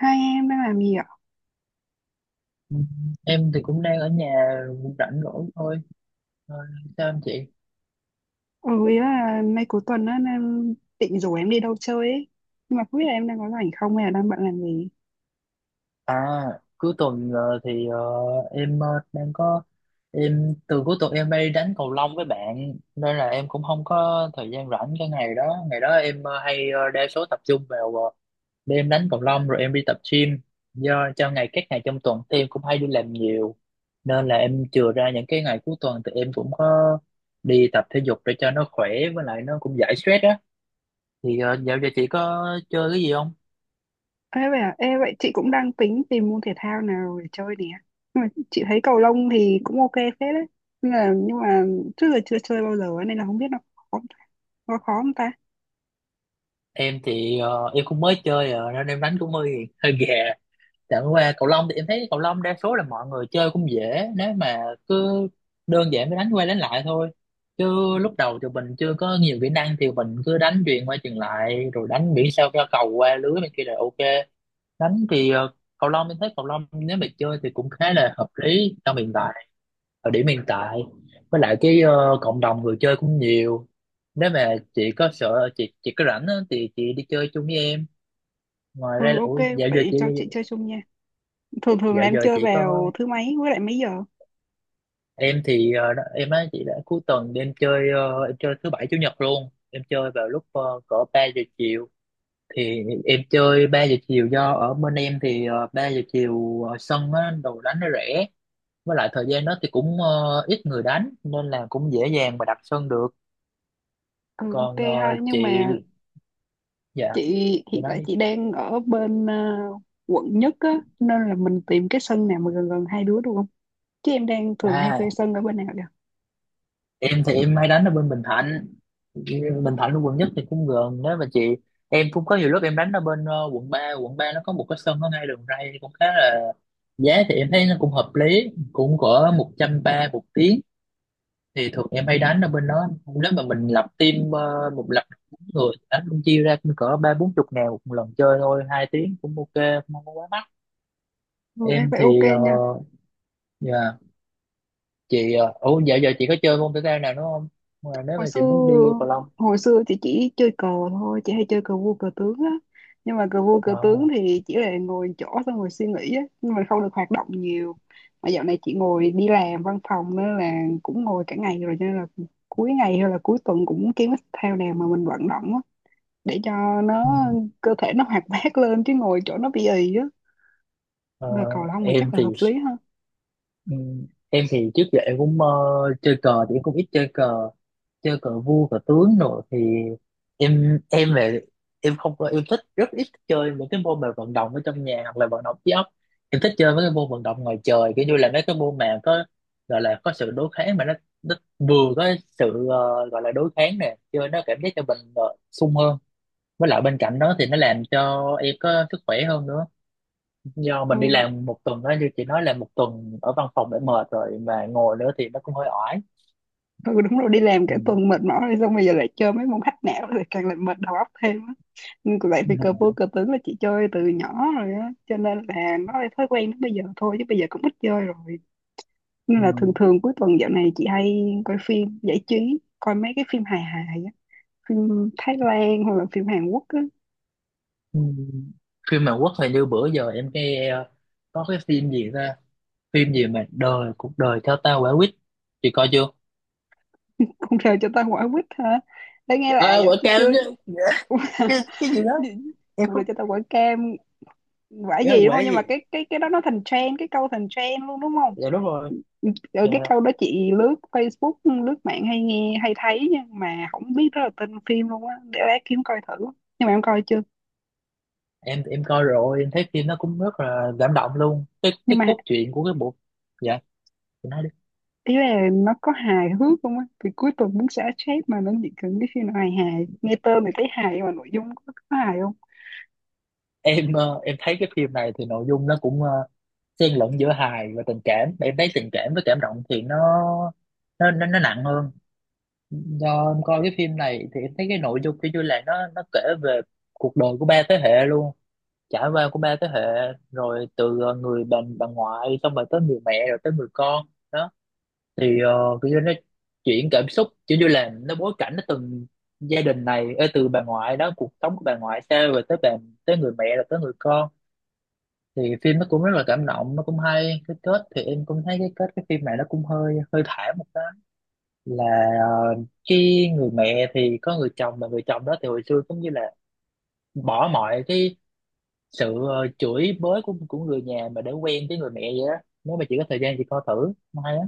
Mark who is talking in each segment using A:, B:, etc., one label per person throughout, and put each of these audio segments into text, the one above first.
A: Hai em đang làm gì ạ?
B: Ừ, em thì cũng đang ở nhà rảnh rỗi thôi. Ờ, Sao em chị?
A: Ừ, ý là mấy cuối tuần á, em định rủ em đi đâu chơi ấy. Nhưng mà không biết là em đang có rảnh không hay là đang bận làm gì.
B: À, cuối tuần thì em đang có em từ cuối tuần em đi đánh cầu lông với bạn nên là em cũng không có thời gian rảnh cái ngày đó. Ngày đó em hay đa số tập trung vào đêm đánh cầu lông rồi em đi tập gym. Do cho các ngày trong tuần thì em cũng hay đi làm nhiều nên là em chừa ra những cái ngày cuối tuần thì em cũng có đi tập thể dục để cho nó khỏe, với lại nó cũng giải stress á. Thì dạo giờ chị có chơi cái gì không?
A: Ê vậy, chị cũng đang tính tìm môn thể thao nào để chơi nè. Nhưng mà chị thấy cầu lông thì cũng ok phết đấy. Nhưng mà trước giờ chưa chơi bao giờ ấy, nên là không biết khó, nó khó không ta?
B: Em thì em cũng mới chơi nên em đánh cũng hơi hơi gà, chẳng qua cầu lông thì em thấy cầu lông đa số là mọi người chơi cũng dễ. Nếu mà cứ đơn giản mới đánh qua đánh lại thôi, chứ lúc đầu thì mình chưa có nhiều kỹ năng thì mình cứ đánh chuyền qua chuyền lại rồi đánh miễn sao cho cầu qua lưới bên kia là ok. Đánh thì cầu lông em thấy cầu lông nếu mà chơi thì cũng khá là hợp lý trong hiện tại, ở điểm hiện tại, với lại cái cộng đồng người chơi cũng nhiều. Nếu mà chị có sợ chị có rảnh á, thì chị đi chơi chung với em.
A: Ừ ok,
B: Ủa, dạo giờ
A: vậy
B: chị
A: cho chị chơi chung nha. Thường thường là
B: dạo
A: em
B: giờ
A: chơi
B: chị có
A: vào thứ mấy với lại mấy giờ?
B: em thì em á chị đã cuối tuần đi em chơi em chơi thứ bảy chủ nhật luôn, em chơi vào lúc cỡ 3 giờ chiều, thì em chơi 3 giờ chiều, do ở bên em thì 3 giờ chiều sân á, đồ đánh nó rẻ, với lại thời gian đó thì cũng ít người đánh nên là cũng dễ dàng mà đặt sân được.
A: Ừ ok
B: Còn
A: ha,
B: chị,
A: nhưng mà
B: dạ
A: Chị
B: chị
A: hiện
B: nói
A: tại
B: đi.
A: chị đang ở bên quận nhất á, nên là mình tìm cái sân nào mà gần gần hai đứa được không? Chứ em đang thường hay
B: À,
A: thuê sân ở bên nào vậy?
B: em thì em hay đánh ở bên Bình Thạnh. Bình Thạnh ở quận nhất thì cũng gần đó mà chị. Em cũng có nhiều lúc em đánh ở bên quận ba. Quận 3 nó có một cái sân ở ngay đường ray cũng khá là, giá thì em thấy nó cũng hợp lý, cũng cỡ 130 một tiếng, thì thường em hay đánh ở bên đó. Nếu mà mình lập team, một lập bốn người đánh cũng chia ra cũng cỡ ba bốn chục ngàn một lần chơi thôi, 2 tiếng cũng ok, không có quá mắc.
A: Ừ, em
B: Em
A: phải ok
B: thì
A: nha.
B: dạ chị ủa, dạo giờ chị có chơi môn thể thao nào nữa không mà nếu
A: Hồi
B: mà
A: xưa
B: chị muốn đi cầu lông?
A: hồi xưa chị chỉ chơi cờ thôi, chị hay chơi cờ vua cờ tướng á. Nhưng mà cờ vua cờ
B: ờ,
A: tướng thì chỉ là ngồi chỗ xong rồi suy nghĩ á, nhưng mà không được hoạt động nhiều. Mà dạo này chị ngồi đi làm văn phòng nên là cũng ngồi cả ngày rồi, cho nên là cuối ngày hay là cuối tuần cũng kiếm cái thể thao nào mà mình vận động á, để cho nó
B: ừ,
A: cơ thể nó hoạt bát lên chứ ngồi chỗ nó bị ì á,
B: ờ,
A: là cầu lông thì chắc
B: em
A: là
B: thì
A: hợp lý ha.
B: ừ, em thì trước giờ em cũng chơi cờ thì em cũng ít chơi cờ, chơi cờ vua cờ tướng rồi thì em về em không có em thích, rất ít chơi những cái môn mà vận động ở trong nhà hoặc là vận động trí óc. Em thích chơi mấy cái môn vận động ngoài trời, kiểu như là mấy cái môn mà có, gọi là có sự đối kháng mà nó vừa có sự gọi là đối kháng nè, chơi nó cảm giác cho mình sung hơn, với lại bên cạnh đó thì nó làm cho em có sức khỏe hơn nữa, do
A: Ừ,
B: mình đi làm một tuần đó như chị nói là một tuần ở văn phòng đã mệt rồi mà ngồi nữa thì nó cũng hơi oải.
A: ừ đúng rồi, đi làm
B: Ừ.
A: cả tuần mệt mỏi rồi xong bây giờ lại chơi mấy môn hack não rồi càng làm mệt đầu óc thêm á. Nhưng lại
B: Ừ.
A: vì cờ vua cờ tướng là chị chơi từ nhỏ rồi á, cho nên là nó là thói quen đến bây giờ thôi chứ bây giờ cũng ít chơi rồi, nên
B: Ừ.
A: là thường thường cuối tuần dạo này chị hay coi phim giải trí, coi mấy cái phim hài hài á, phim Thái Lan hoặc là phim Hàn Quốc á.
B: Ừ. Phim Hàn Quốc thì như bữa giờ em nghe có cái phim gì ra, phim gì mà cuộc đời theo ta quả quýt, chị coi chưa?
A: Không, sao cho ta quả quýt hả? Để nghe
B: À,
A: lại vậy
B: quả
A: chứ
B: cam
A: chưa.
B: chứ. cái cái gì đó em
A: Cũng được,
B: không,
A: cho tao quả cam quả
B: em
A: gì đúng
B: quả
A: không? Nhưng
B: gì,
A: mà cái đó nó thành trend, cái câu thành trend luôn đúng không?
B: dạ đúng rồi,
A: Rồi
B: dạ.
A: cái câu đó chị lướt Facebook, lướt mạng hay nghe hay thấy nhưng mà không biết đó là tên phim luôn á, để lát kiếm coi thử. Nhưng mà em coi chưa?
B: Em coi rồi, em thấy phim nó cũng rất là cảm động luôn, cái
A: Nhưng
B: cái
A: mà
B: cốt truyện của cái bộ. Dạ
A: ý là nó có hài hước không á, thì cuối tuần muốn xả stress mà nó chỉ cần cái phim nào hài hài, nghe tên thì thấy hài nhưng mà nội dung có hài không?
B: em thấy cái phim này thì nội dung nó cũng xen lẫn giữa hài và tình cảm, em thấy tình cảm với cảm động thì nó nặng hơn. Do em coi cái phim này thì em thấy cái nội dung kiểu như là nó kể về cuộc đời của ba thế hệ luôn, trải qua của ba thế hệ rồi từ người bà ngoại, xong rồi tới người mẹ rồi tới người con đó. Thì kiểu như nó chuyển cảm xúc, kiểu như là nó bối cảnh, nó từng gia đình này ê, từ bà ngoại đó cuộc sống của bà ngoại sao, rồi tới bà, tới người mẹ rồi tới người con. Thì phim nó cũng rất là cảm động, nó cũng hay. Cái kết thì em cũng thấy cái kết cái phim này nó cũng hơi hơi thảm một cái, là ờ, cái người mẹ thì có người chồng, mà người chồng đó thì hồi xưa cũng như là bỏ mọi cái sự chửi bới của người nhà mà để quen với người mẹ vậy đó. Nếu mà chị có thời gian chị coi thử, nó hay á.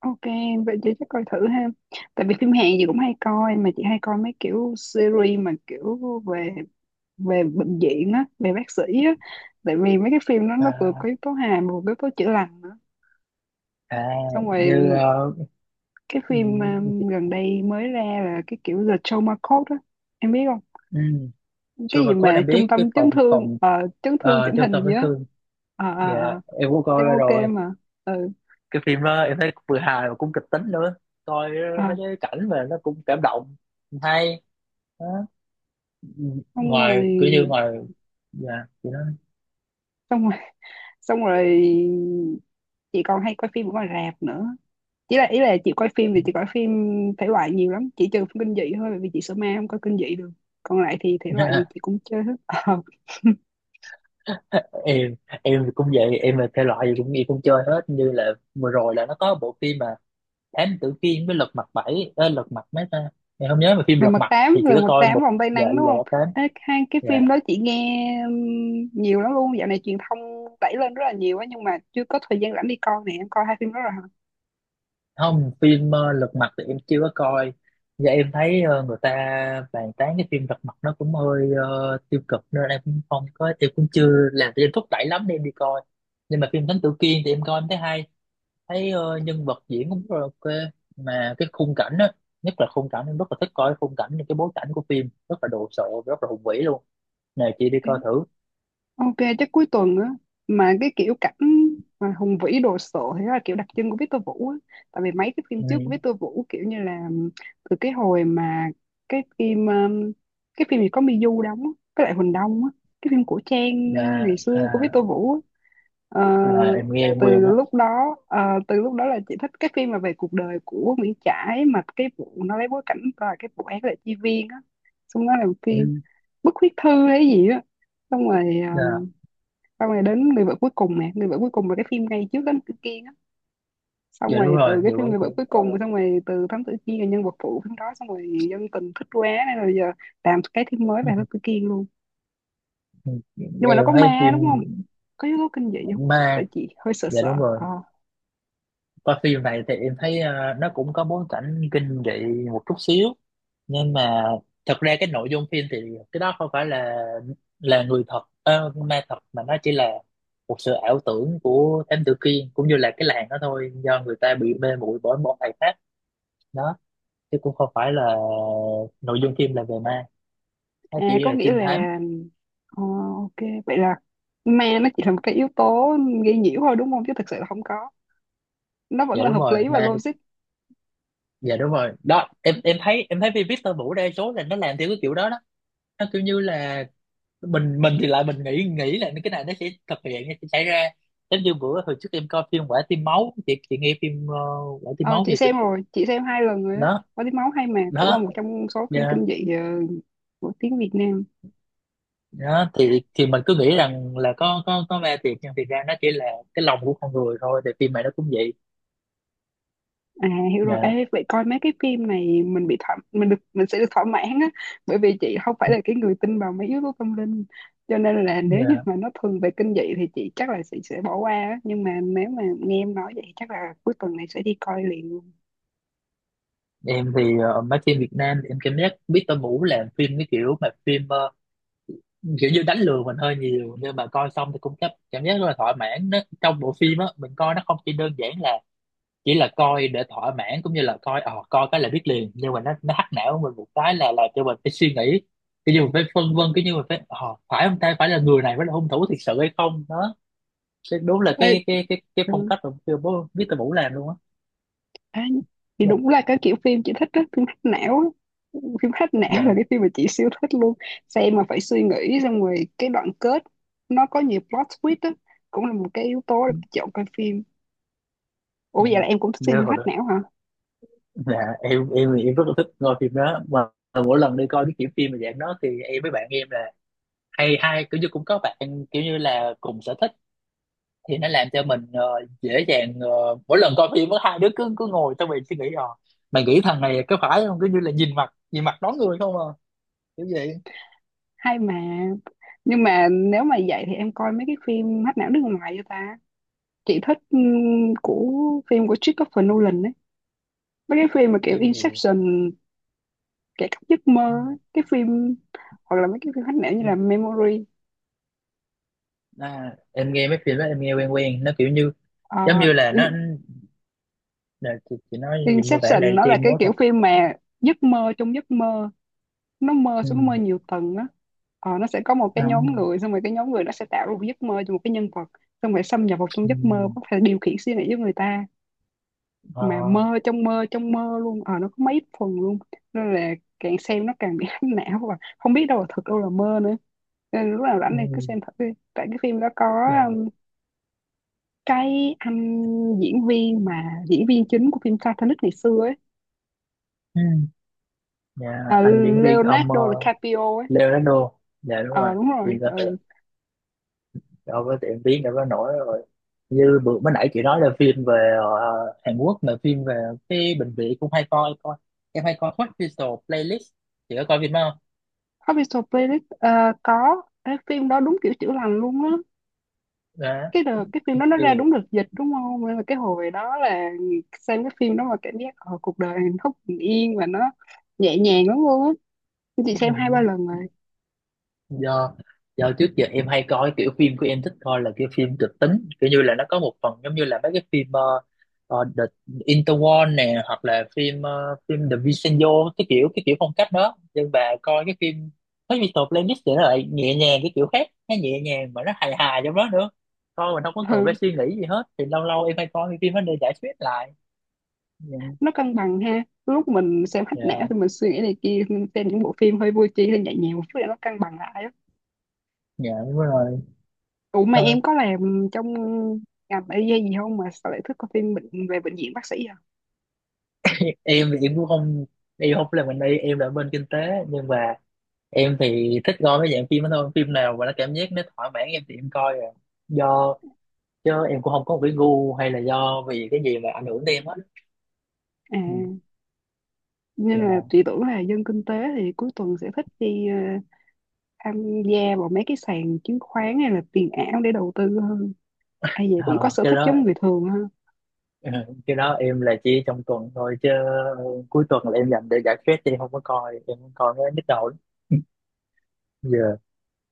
A: Ok, vậy chị chắc coi thử ha. Tại vì phim Hàn gì cũng hay coi, mà chị hay coi mấy kiểu series mà kiểu về về bệnh viện á, về bác sĩ á, tại vì mấy cái phim đó nó vừa có
B: À,
A: yếu tố hài mà vừa có yếu tố chữa lành nữa.
B: à,
A: Xong rồi
B: như
A: cái
B: ừ,
A: phim gần đây mới ra là cái kiểu The Trauma Code á, em biết không?
B: ừ,
A: Cái
B: Sure
A: gì
B: mà có đã
A: mà trung
B: biết cái
A: tâm chấn
B: phòng
A: thương
B: phòng
A: ờ, chấn thương chỉnh
B: trung tâm
A: hình gì
B: chấn
A: á?
B: thương.
A: Ờ,
B: Dạ
A: ờ, ờ.
B: em cũng coi
A: Xem
B: ra
A: ok
B: rồi,
A: mà. Ừ,
B: cái phim đó em thấy cũng vừa hài mà cũng kịch tính nữa, coi
A: ờ.
B: mấy cái cảnh mà nó cũng cảm động. Hay đó.
A: Xong rồi,
B: Ngoài kiểu như ngoài, dạ chị nói.
A: xong rồi, xong rồi, chị còn hay coi phim ở ngoài rạp nữa. Ý là chị coi phim thể loại nhiều lắm, chỉ trừ phim kinh dị thôi, bởi vì chị sợ ma không coi kinh dị được, còn lại thì thể loại gì chị cũng chơi hết. Ờ.
B: em em thì cũng vậy, em là thể loại gì cũng chơi hết, như là vừa rồi là nó có bộ phim mà Thám Tử Kiên với Lật Mặt Bảy, Lật Mặt mấy ta, em không nhớ, mà phim
A: lần
B: Lật
A: mật
B: Mặt thì
A: tám
B: chỉ có
A: lần mật
B: coi
A: tám
B: một.
A: vòng tay
B: Dạ
A: nắng đúng
B: là
A: không?
B: tám.
A: Ê, hai cái
B: Dạ.
A: phim đó chị nghe nhiều lắm luôn, dạo này truyền thông đẩy lên rất là nhiều á nhưng mà chưa có thời gian rảnh đi coi nè, em coi hai phim đó rồi hả?
B: Không, phim Lật Mặt thì em chưa có coi, và em thấy người ta bàn tán cái phim Lật Mặt nó cũng hơi tiêu cực nên em cũng không có, em cũng chưa làm cho em thúc đẩy lắm để em đi coi. Nhưng mà phim Thám Tử Kiên thì em coi em thấy hay, thấy nhân vật diễn cũng rất là ok, mà cái khung cảnh á, nhất là khung cảnh, em rất là thích coi khung cảnh, những cái bối cảnh của phim rất là đồ sộ, rất là hùng vĩ luôn, nè chị đi coi thử.
A: Ok, chắc cuối tuần á, mà cái kiểu cảnh mà hùng vĩ đồ sộ thì đó là kiểu đặc trưng của Victor Vũ á. Tại vì mấy cái phim
B: Ừ.
A: trước của Victor Vũ kiểu như là từ cái hồi mà cái phim um, cái phim gì có Miu đóng á, với lại Huỳnh Đông á, cái phim cổ trang
B: Dạ,
A: ngày
B: à,
A: xưa của Victor Vũ á. Ờ,
B: à, em nghe
A: là
B: em
A: từ
B: quen á.
A: lúc đó ờ, từ lúc đó là chị thích cái phim mà về cuộc đời của Nguyễn Trãi, mà cái vụ nó lấy bối cảnh là cái vụ án là chi viên á, xong nó làm phim
B: Ừ.
A: bức huyết thư hay gì á, xong rồi ờ,
B: Dạ,
A: xong rồi đến người vợ cuối cùng nè, người vợ cuối cùng là cái phim ngay trước đến cái Kiên á, xong
B: dạ đúng
A: rồi
B: rồi,
A: từ cái
B: hiệu
A: phim
B: ứng
A: người
B: của
A: vợ
B: em
A: cuối
B: coi.
A: cùng, xong rồi từ Thám Tử Kiên là nhân vật phụ phim đó, xong rồi dân tình thích quá nên rồi giờ làm cái phim mới
B: Ừ.
A: về Thám Tử Kiên luôn. Nhưng mà
B: Em
A: nó có
B: thấy
A: ma
B: phim
A: đúng không? Có yếu tố kinh dị không? Tại
B: ma.
A: chị hơi sợ
B: Dạ
A: sợ.
B: đúng rồi,
A: Ờ.
B: qua phim này thì em thấy nó cũng có bối cảnh kinh dị một chút xíu. Nhưng mà thật ra cái nội dung phim thì cái đó không phải là người thật, ma thật, mà nó chỉ là một sự ảo tưởng của Thám Tử Kiên cũng như là cái làng đó thôi, do người ta bị mê muội bởi một thầy pháp đó. Chứ cũng không phải là nội dung phim là về ma, nó
A: À,
B: chỉ
A: có
B: là
A: nghĩa
B: trinh thám.
A: là ờ, ok, vậy là ma nó chỉ là một cái yếu tố gây nhiễu thôi đúng không, chứ thực sự là không có, nó vẫn
B: Dạ
A: là
B: đúng
A: hợp
B: rồi
A: lý và
B: ma.
A: logic.
B: Dạ đúng rồi đó, em thấy phim Victor Vũ đa số là nó làm theo cái kiểu đó đó. Nó kiểu như là mình thì lại mình nghĩ nghĩ là cái này nó sẽ thực hiện, nó sẽ xảy ra. Giống như bữa hồi trước em coi phim Quả Tim Máu, chị nghe phim Quả Tim
A: Ờ,
B: Máu
A: chị
B: giờ chưa?
A: xem rồi, chị xem hai lần rồi đó.
B: Đó,
A: Có tiếng máu hay mà, cũng là
B: đó,
A: một trong số phim
B: dạ
A: kinh dị của tiếng Việt Nam.
B: đó. Thì mình cứ nghĩ rằng là có ma thiệt, nhưng thiệt ra nó chỉ là cái lòng của con người thôi, thì phim này nó cũng vậy.
A: À, hiểu rồi.
B: Dạ,
A: Ê, vậy coi mấy cái phim này mình bị thỏa, mình được mình sẽ được thỏa mãn á, bởi vì chị không phải là cái người tin vào mấy yếu tố tâm linh. Cho nên là nếu như
B: dạ.
A: mà nó thường về kinh dị thì chị chắc là chị sẽ bỏ qua á, nhưng mà nếu mà nghe em nói vậy chắc là cuối tuần này sẽ đi coi liền luôn.
B: Em thì mấy phim Việt Nam thì em cảm giác Victor Vũ làm phim cái kiểu mà phim kiểu như đánh lừa mình hơi nhiều, nhưng mà coi xong thì cũng cảm cảm giác rất là thỏa mãn nó trong bộ phim á. Mình coi nó không chỉ đơn giản là chỉ là coi để thỏa mãn, cũng như là coi cái là biết liền, nhưng mà nó hack não mình một cái là làm cho mình phải suy nghĩ, cái như mình phải phân vân, cái như mình phải không ta, phải là người này mới là hung thủ thiệt sự hay không đó. Thế đúng là
A: Ê,
B: cái phong
A: ừ.
B: cách mà chưa bố biết từ Vũ làm luôn á.
A: Ê, thì
B: Dạ,
A: đúng là cái kiểu phim chị thích đó, phim hack não á. Phim hack não là
B: dạ.
A: cái phim mà chị siêu thích luôn, xem mà phải suy nghĩ xong rồi cái đoạn kết nó có nhiều plot twist á, cũng là một cái yếu tố để chọn coi phim. Ủa
B: Ừ.
A: vậy là em cũng thích xem
B: Như
A: phim
B: hồi đó,
A: hack não hả?
B: dạ em rất là thích coi phim đó mà, mỗi lần đi coi cái kiểu phim mà dạng đó thì em với bạn em là hay hay kiểu như cũng có bạn kiểu như là cùng sở thích thì nó làm cho mình dễ dàng mỗi lần coi phim có hai đứa cứ cứ ngồi xong mình suy nghĩ, mày nghĩ thằng này có phải không, cứ như là nhìn mặt đón người không à, kiểu vậy.
A: Hay mà. Nhưng mà nếu mà vậy thì em coi mấy cái phim hack não nước ngoài cho ta. Chị thích của phim của Christopher Nolan ấy, mấy cái phim mà kiểu
B: Em thì.
A: Inception, kẻ cắp giấc mơ ấy. Cái phim hoặc là mấy cái phim hack não như
B: Ừ.
A: là Memory.
B: À, em nghe mấy phim đó em nghe quen quen, nó kiểu như
A: Ờ,
B: giống như là nó là chị nói gì mô tả
A: Inception
B: lại
A: nó
B: cho
A: là
B: em
A: cái
B: nhớ
A: kiểu
B: coi.
A: phim mà giấc mơ trong giấc mơ, nó mơ
B: Ừ.
A: xuống, nó mơ nhiều tầng á. Ờ, nó sẽ có một cái
B: À,
A: nhóm người, xong rồi cái nhóm người nó sẽ tạo ra một giấc mơ cho một cái nhân vật, xong rồi xâm nhập vào trong
B: ừ.
A: giấc mơ có thể điều khiển suy nghĩ của người ta,
B: Ờ,
A: mà mơ trong mơ trong mơ luôn. Ờ, nó có mấy phần luôn, nên là càng xem nó càng bị hách não và không biết đâu là thật đâu là mơ nữa, nên lúc nào rảnh
B: ừ.
A: này cứ xem thử đi. Tại cái phim đó có
B: Dạ.
A: um, cái anh diễn viên, mà diễn viên chính của phim Titanic ngày xưa ấy,
B: Ừ. Dạ,
A: à,
B: anh diễn viên ông
A: Leonardo DiCaprio ấy.
B: Leonardo, dạ đúng
A: Ờ
B: rồi.
A: đúng
B: Thì
A: rồi,
B: có
A: ừ.
B: đâu có tiệm biết đâu có nổi rồi, như bữa mới nãy chị nói là phim về Hàn Quốc là phim về cái bệnh viện cũng hay, coi coi em hay coi Hospital Playlist, chị có coi phim đó không?
A: Official Playlist. Ờ, có cái phim đó đúng kiểu chữa lành luôn á,
B: Đó
A: cái phim đó nó
B: thì
A: ra đúng đợt dịch đúng không, nên là cái hồi đó là xem cái phim đó mà cảm giác cuộc đời hạnh phúc bình yên và nó nhẹ nhàng lắm luôn á, chị
B: ừ,
A: xem hai ba lần rồi.
B: do do trước giờ em hay coi kiểu phim của em thích coi là kiểu phim kịch tính, kiểu như là nó có một phần giống như là mấy cái phim The Interwar nè, hoặc là phim The Vincenzo, cái kiểu phong cách đó, nhưng mà coi cái phim mấy Mr. Playlist thì nó lại nhẹ nhàng cái kiểu khác, nó nhẹ nhàng mà nó hài hài trong đó nữa, coi mình không có cần phải
A: Ừ,
B: suy nghĩ gì hết, thì lâu lâu em hay coi cái phim đó để giải stress lại. Nhưng-
A: nó cân bằng ha, lúc mình xem hack não thì
B: dạ,
A: mình suy nghĩ này kia, mình xem những bộ phim hơi vui chi hơi nhẹ nhàng một chút để nó cân bằng lại á.
B: dạ đúng rồi.
A: Ủa mà
B: Thôi,
A: em có làm trong ngành y gì không mà sao lại thích coi phim về bệnh viện bác sĩ?
B: em thì em cũng không, em không làm ngành y, em là bên kinh tế, nhưng mà em thì thích coi mấy dạng phim đó thôi, phim nào mà nó cảm giác nó thỏa mãn em thì em coi rồi, do chứ em cũng không có một cái gu hay là do vì cái gì mà ảnh hưởng tới em hết.
A: À,
B: Ừ.
A: nhưng mà
B: Dạ.
A: chị tưởng là dân kinh tế thì cuối tuần sẽ thích đi tham gia vào mấy cái sàn chứng khoán hay là tiền ảo để đầu tư hơn. Ai vậy cũng có
B: Ờ,
A: sở
B: cái
A: thích
B: đó
A: giống người thường ha.
B: ừ, cái đó em là chỉ trong tuần thôi, chứ ừ, cuối tuần là em dành để giải stress thì em không có coi, em không coi mới nhức đầu lắm. Giờ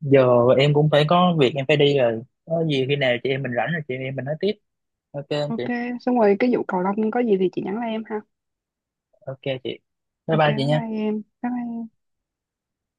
B: giờ em cũng phải có việc em phải đi rồi, có gì khi nào chị em mình rảnh rồi chị em mình nói tiếp. Ok anh
A: Ok,
B: chị,
A: xong rồi cái vụ cầu lông có gì thì chị nhắn lại em ha.
B: ok chị, bye
A: Ok,
B: bye chị
A: bye
B: nha.
A: bye em. Bye bye em.